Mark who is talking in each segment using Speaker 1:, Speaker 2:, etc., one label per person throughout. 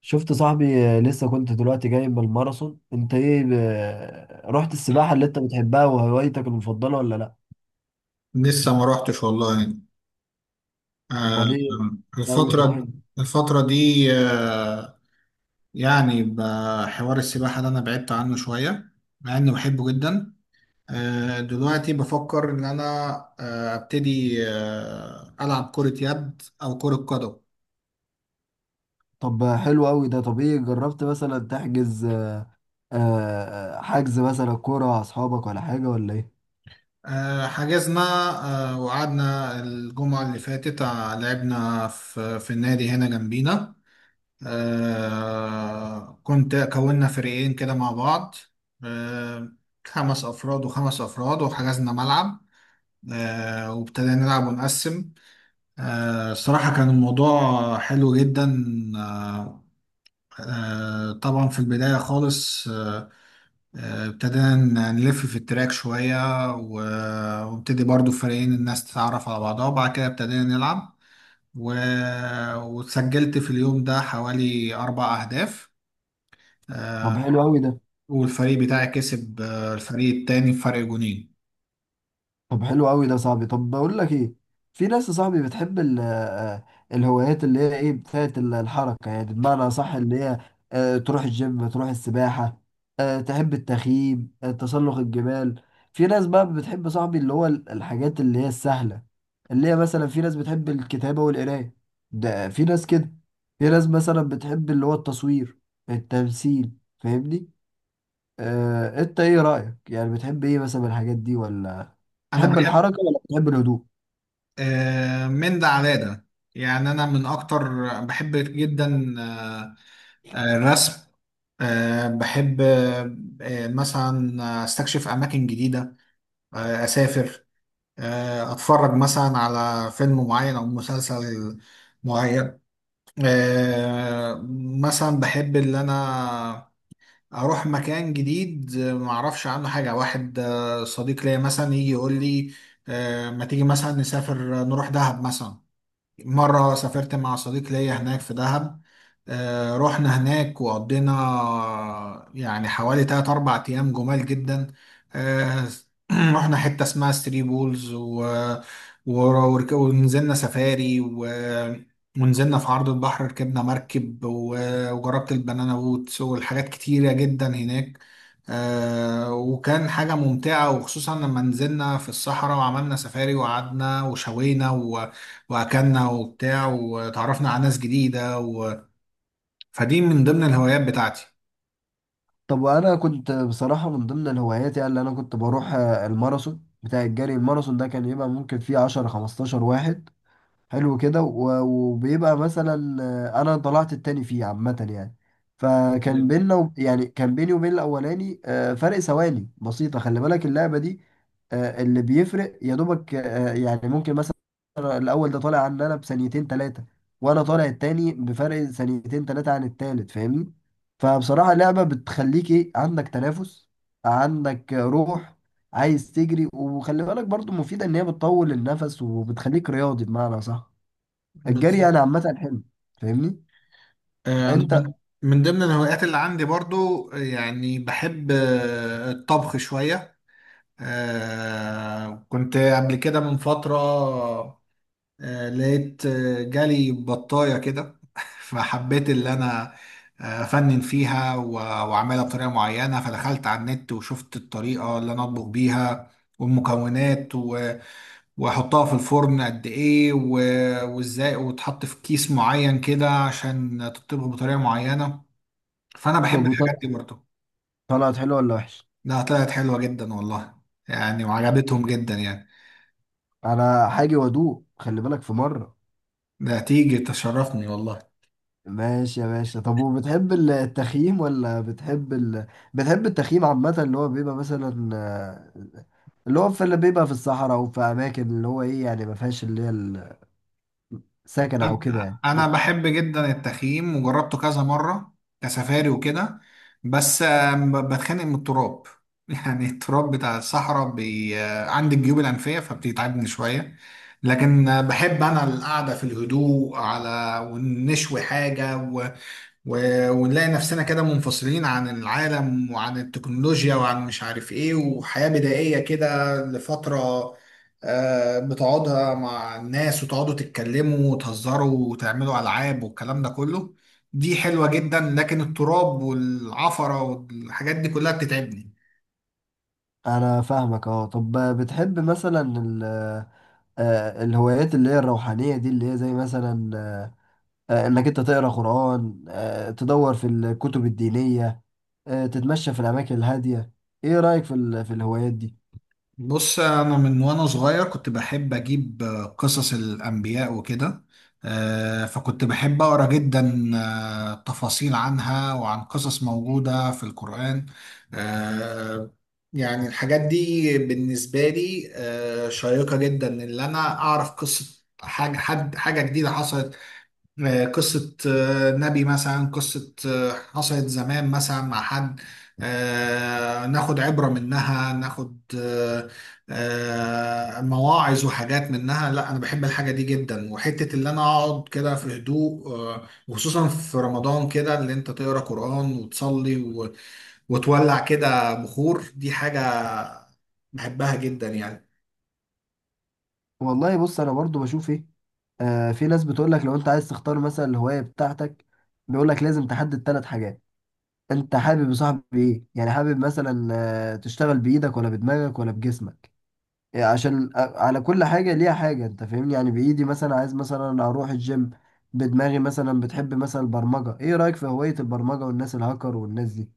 Speaker 1: شفت صاحبي لسه كنت دلوقتي جاي من الماراثون. انت ايه؟ رحت السباحة اللي انت بتحبها وهوايتك المفضلة ولا لا؟
Speaker 2: لسه ما روحتش والله. آه،
Speaker 1: امال ايه؟ ناوي تروح؟
Speaker 2: الفترة الفترة دي، يعني بحوار السباحة ده أنا بعدت عنه شوية، مع إني بحبه جدا. دلوقتي بفكر إن أنا أبتدي ألعب كرة يد أو كرة قدم.
Speaker 1: طب حلو قوي ده. طب ايه، جربت مثلا تحجز؟ حجز مثلا كورة مع اصحابك ولا حاجة ولا ايه؟
Speaker 2: حجزنا، وقعدنا الجمعة اللي فاتت. لعبنا في النادي هنا جنبينا. كونا فريقين كده مع بعض. آه 5 أفراد و5 أفراد وحجزنا ملعب. وابتدينا نلعب ونقسم. الصراحة كان الموضوع حلو جدا. آه طبعا في البداية خالص، ابتدينا نلف في التراك شوية، وابتدي برضو فريقين الناس تتعرف على بعضها، وبعد كده ابتدينا نلعب. و... وسجلت في اليوم ده حوالي 4 أهداف. آه،
Speaker 1: طب حلو قوي ده.
Speaker 2: والفريق بتاعي كسب الفريق التاني بفرق جونين.
Speaker 1: طب حلو قوي ده يا صاحبي. طب بقول لك ايه، في ناس يا صاحبي بتحب الهوايات اللي هي ايه، بتاعت الحركه، يعني بمعنى صح، اللي هي تروح الجيم، تروح السباحه، تحب التخييم، تسلق الجبال. في ناس بقى بتحب يا صاحبي اللي هو الحاجات اللي هي السهله، اللي هي مثلا في ناس بتحب الكتابه والقرايه، ده في ناس كده. في ناس مثلا بتحب اللي هو التصوير، التمثيل، فاهمني؟ انت ايه رأيك؟ يعني بتحب ايه مثلا من الحاجات دي؟ ولا
Speaker 2: انا
Speaker 1: تحب
Speaker 2: بحب
Speaker 1: الحركة ولا بتحب الهدوء؟
Speaker 2: من ده على ده، يعني انا من اكتر بحب جدا الرسم. بحب مثلا استكشف اماكن جديده، اسافر، اتفرج مثلا على فيلم معين او مسلسل معين. آه، مثلا بحب اللي انا اروح مكان جديد ما اعرفش عنه حاجه، واحد صديق ليا مثلا يجي يقول لي ما تيجي مثلا نسافر، نروح دهب مثلا. مرة سافرت مع صديق ليا هناك في دهب، رحنا هناك وقضينا يعني حوالي 3 4 أيام جمال جدا. آه، رحنا حتة اسمها ثري بولز، ونزلنا سفاري، ونزلنا في عرض البحر، ركبنا مركب، وجربت البنانا بوتس والحاجات كتيرة جدا هناك. وكان حاجة ممتعة، وخصوصا لما نزلنا في الصحراء وعملنا سفاري وقعدنا وشوينا واكلنا وبتاع وتعرفنا على ناس جديده. فدي من ضمن الهوايات بتاعتي.
Speaker 1: طب وانا كنت بصراحة من ضمن الهوايات، يعني اللي انا كنت بروح الماراثون بتاع الجري. الماراثون ده كان يبقى ممكن فيه 10 15 واحد، حلو كده. و- وبيبقى مثلا انا طلعت التاني فيه عامة يعني. يعني كان بيني وبين الاولاني فرق ثواني بسيطة. خلي بالك اللعبة دي، اللي بيفرق يا دوبك، يعني ممكن مثلا الاول ده طالع عن انا بثانيتين ثلاثة، وانا طالع التاني بفرق ثانيتين ثلاثة عن التالت، فاهمني؟ فبصراحة اللعبة بتخليك ايه، عندك تنافس، عندك روح، عايز تجري. وخلي بالك برضو مفيدة، ان هي بتطول النفس وبتخليك رياضي بمعنى صح. الجري يعني
Speaker 2: بالظبط.
Speaker 1: عامة حلو، فاهمني
Speaker 2: انا
Speaker 1: انت؟
Speaker 2: من ضمن الهوايات اللي عندي برضو، يعني بحب الطبخ شويه. كنت قبل كده من فتره لقيت جالي بطايه كده فحبيت اللي انا افنن فيها، واعملها بطريقه معينه. فدخلت على النت وشفت الطريقه اللي انا اطبخ بيها والمكونات، واحطها في الفرن قد ايه، وازاي، وتحط في كيس معين كده عشان تطيبها بطريقة معينة. فانا بحب
Speaker 1: طب
Speaker 2: الحاجات دي
Speaker 1: طلعت
Speaker 2: برضه.
Speaker 1: طلعت حلو ولا وحش؟
Speaker 2: لا، طلعت حلوة جدا والله، يعني وعجبتهم جدا يعني.
Speaker 1: انا حاجة وادوق، خلي بالك، في مرة.
Speaker 2: ده تيجي تشرفني والله.
Speaker 1: ماشي يا باشا. طب وبتحب التخييم، ولا بتحب التخييم عامة، اللي هو بيبقى مثلا اللي هو في، اللي بيبقى في الصحراء وفي اماكن اللي هو ايه، يعني ما فيهاش اللي هي السكن او كده
Speaker 2: انا
Speaker 1: يعني؟
Speaker 2: أنا بحب جدا التخييم وجربته كذا مره كسفاري وكده، بس بتخانق من التراب. يعني التراب بتاع الصحراء عندي الجيوب الانفيه فبتتعبني شويه. لكن بحب انا القعده في الهدوء على ونشوي حاجه، ونلاقي نفسنا كده منفصلين عن العالم وعن التكنولوجيا وعن مش عارف ايه، وحياة بدائية كده لفترة. بتقعدها مع الناس وتقعدوا تتكلموا وتهزروا وتعملوا ألعاب والكلام ده كله. دي حلوة جدا، لكن التراب والعفرة والحاجات دي كلها بتتعبني.
Speaker 1: انا فاهمك، اه. طب بتحب مثلا ال... آه، الهوايات اللي هي الروحانية دي، اللي هي زي مثلا انك انت تقرا قرآن، تدور في الكتب الدينية، تتمشى في الاماكن الهادية، ايه رأيك في الهوايات دي؟
Speaker 2: بص انا من وانا صغير كنت بحب اجيب قصص الانبياء وكده. فكنت بحب اقرا جدا تفاصيل عنها وعن قصص موجوده في القران. آه، يعني الحاجات دي بالنسبه لي شيقه جدا، ان انا اعرف قصه حاجه، حد حاجه جديده حصلت، قصة نبي مثلا، قصة حصلت زمان مثلا مع حد ناخد عبرة منها، ناخد مواعظ وحاجات منها. لا أنا بحب الحاجة دي جدا، وحتة اللي أنا أقعد كده في هدوء وخصوصا في رمضان كده اللي أنت تقرأ قرآن وتصلي، وتولع كده بخور. دي حاجة بحبها جدا يعني.
Speaker 1: والله بص، انا برضو بشوف ايه، في ناس بتقول لك لو انت عايز تختار مثلا الهواية بتاعتك، بيقول لك لازم تحدد ثلاث حاجات. انت حابب يا صاحبي ايه؟ يعني حابب مثلا تشتغل بايدك ولا بدماغك ولا بجسمك. يعني عشان على كل حاجة ليها حاجة، انت فاهمني؟ يعني بإيدي مثلا عايز مثلا اروح الجيم، بدماغي مثلا بتحب مثلا البرمجة. ايه رأيك في هواية البرمجة والناس الهاكر والناس دي؟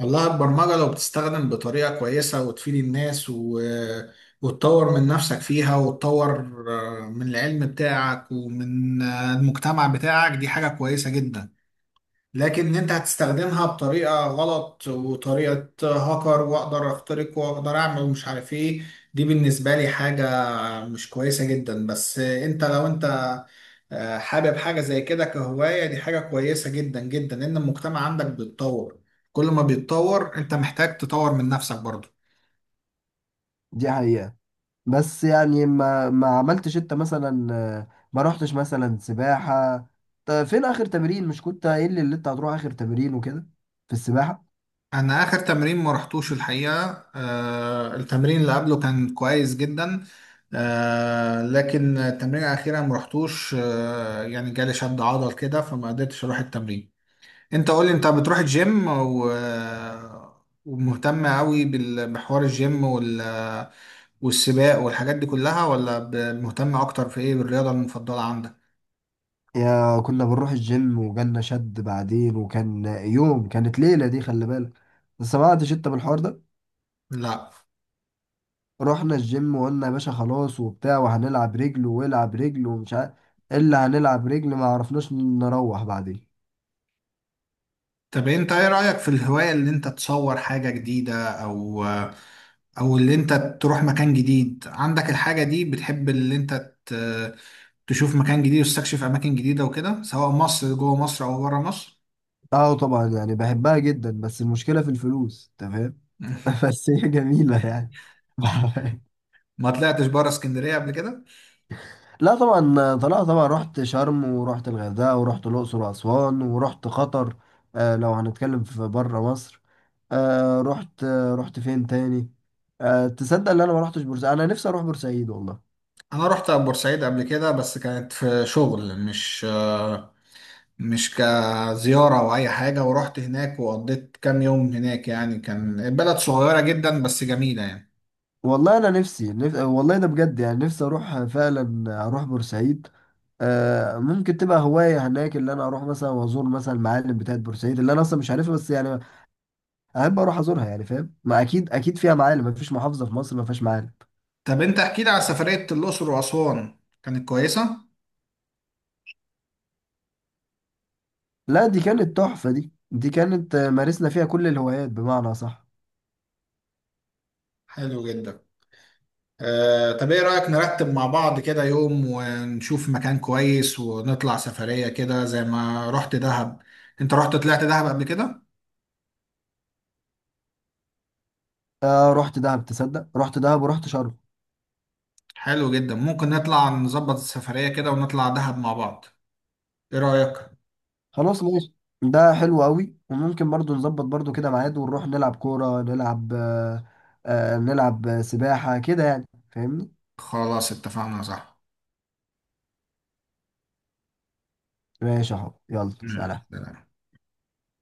Speaker 2: والله البرمجة لو بتستخدم بطريقة كويسة وتفيد الناس، وتطور من نفسك فيها، وتطور من العلم بتاعك ومن المجتمع بتاعك، دي حاجة كويسة جدا. لكن انت هتستخدمها بطريقة غلط وطريقة هاكر، واقدر اخترق واقدر اعمل ومش عارف ايه، دي بالنسبة لي حاجة مش كويسة جدا. بس انت لو انت حابب حاجة زي كده كهواية، دي حاجة كويسة جدا جدا، لان المجتمع عندك بيتطور. كل ما بيتطور انت محتاج تطور من نفسك برضه.
Speaker 1: دي حقيقة. بس يعني ما عملتش انت مثلا ما رحتش مثلا سباحة؟ طب فين اخر تمرين؟ مش كنت قايل لي اللي انت هتروح اخر تمرين وكده في السباحة؟
Speaker 2: انا اخر تمرين ما رحتوش الحقيقه. التمرين اللي قبله كان كويس جدا، لكن التمرين الاخيره ما رحتوش. يعني جالي شد عضل كده فما قدرتش اروح التمرين. انت قولي، انت بتروح الجيم ومهتم قوي بحوار الجيم والسباق والحاجات دي كلها، ولا مهتم اكتر في ايه، بالرياضه المفضله عندك؟
Speaker 1: يا كنا بنروح الجيم وجالنا شد بعدين، وكان يوم، كانت ليلة دي، خلي بالك. سمعتش انت بالحوار ده؟
Speaker 2: لا.
Speaker 1: رحنا الجيم وقلنا يا باشا خلاص وبتاع، وهنلعب رجل والعب رجل ومش عارف، الا هنلعب رجل، ما عرفناش نروح بعدين.
Speaker 2: طب انت ايه رايك في الهوايه اللي انت تصور حاجه جديده، او اللي انت تروح مكان جديد عندك الحاجة دي؟ بتحب اللي انت تشوف مكان جديد وتستكشف اماكن جديدة وكده، سواء مصر جوه مصر او بره مصر؟
Speaker 1: اه طبعا، يعني بحبها جدا، بس المشكلة في الفلوس، تمام. بس هي جميلة يعني.
Speaker 2: ما طلعتش بره اسكندرية قبل كده.
Speaker 1: لا طبعا طلعت، طبعا رحت شرم، ورحت الغردقة، ورحت الأقصر وأسوان، ورحت قطر. آه، لو هنتكلم في بره مصر، رحت فين تاني؟ تصدق ان انا ما رحتش بورسعيد؟ انا نفسي اروح بورسعيد والله.
Speaker 2: انا رحت بورسعيد قبل كده بس كانت في شغل، مش كزيارة او اي حاجة. ورحت هناك وقضيت كام يوم هناك، يعني كان البلد صغيرة جدا بس جميلة يعني.
Speaker 1: والله انا نفسي والله ده بجد، يعني نفسي اروح فعلا، اروح بورسعيد. آه، ممكن تبقى هواية هناك، اللي انا اروح مثلا وازور مثلا المعالم بتاعت بورسعيد اللي انا اصلا مش عارفها، بس يعني احب اروح ازورها يعني، فاهم؟ ما اكيد اكيد فيها معالم، ما فيش محافظة في مصر ما فيهاش معالم.
Speaker 2: طب انت احكي لي على سفرية الاقصر واسوان، كانت كويسة؟
Speaker 1: لا دي كانت تحفة، دي دي كانت مارسنا فيها كل الهوايات بمعنى صح.
Speaker 2: حلو جدا. طب ايه رأيك نرتب مع بعض كده يوم ونشوف مكان كويس ونطلع سفرية كده، زي ما رحت دهب؟ انت رحت، طلعت دهب قبل كده؟
Speaker 1: رحت دهب، تصدق رحت دهب ورحت شرم.
Speaker 2: حلو جدا. ممكن نطلع نظبط السفرية كده ونطلع دهب مع بعض، ايه رأيك؟
Speaker 1: خلاص ماشي. ده حلو قوي، وممكن برضو نظبط برضو كده ميعاد ونروح نلعب كورة، نلعب نلعب سباحة كده يعني، فاهمني؟
Speaker 2: خلاص اتفقنا، صح؟
Speaker 1: ماشي اهو، يلا
Speaker 2: مم.
Speaker 1: سلام.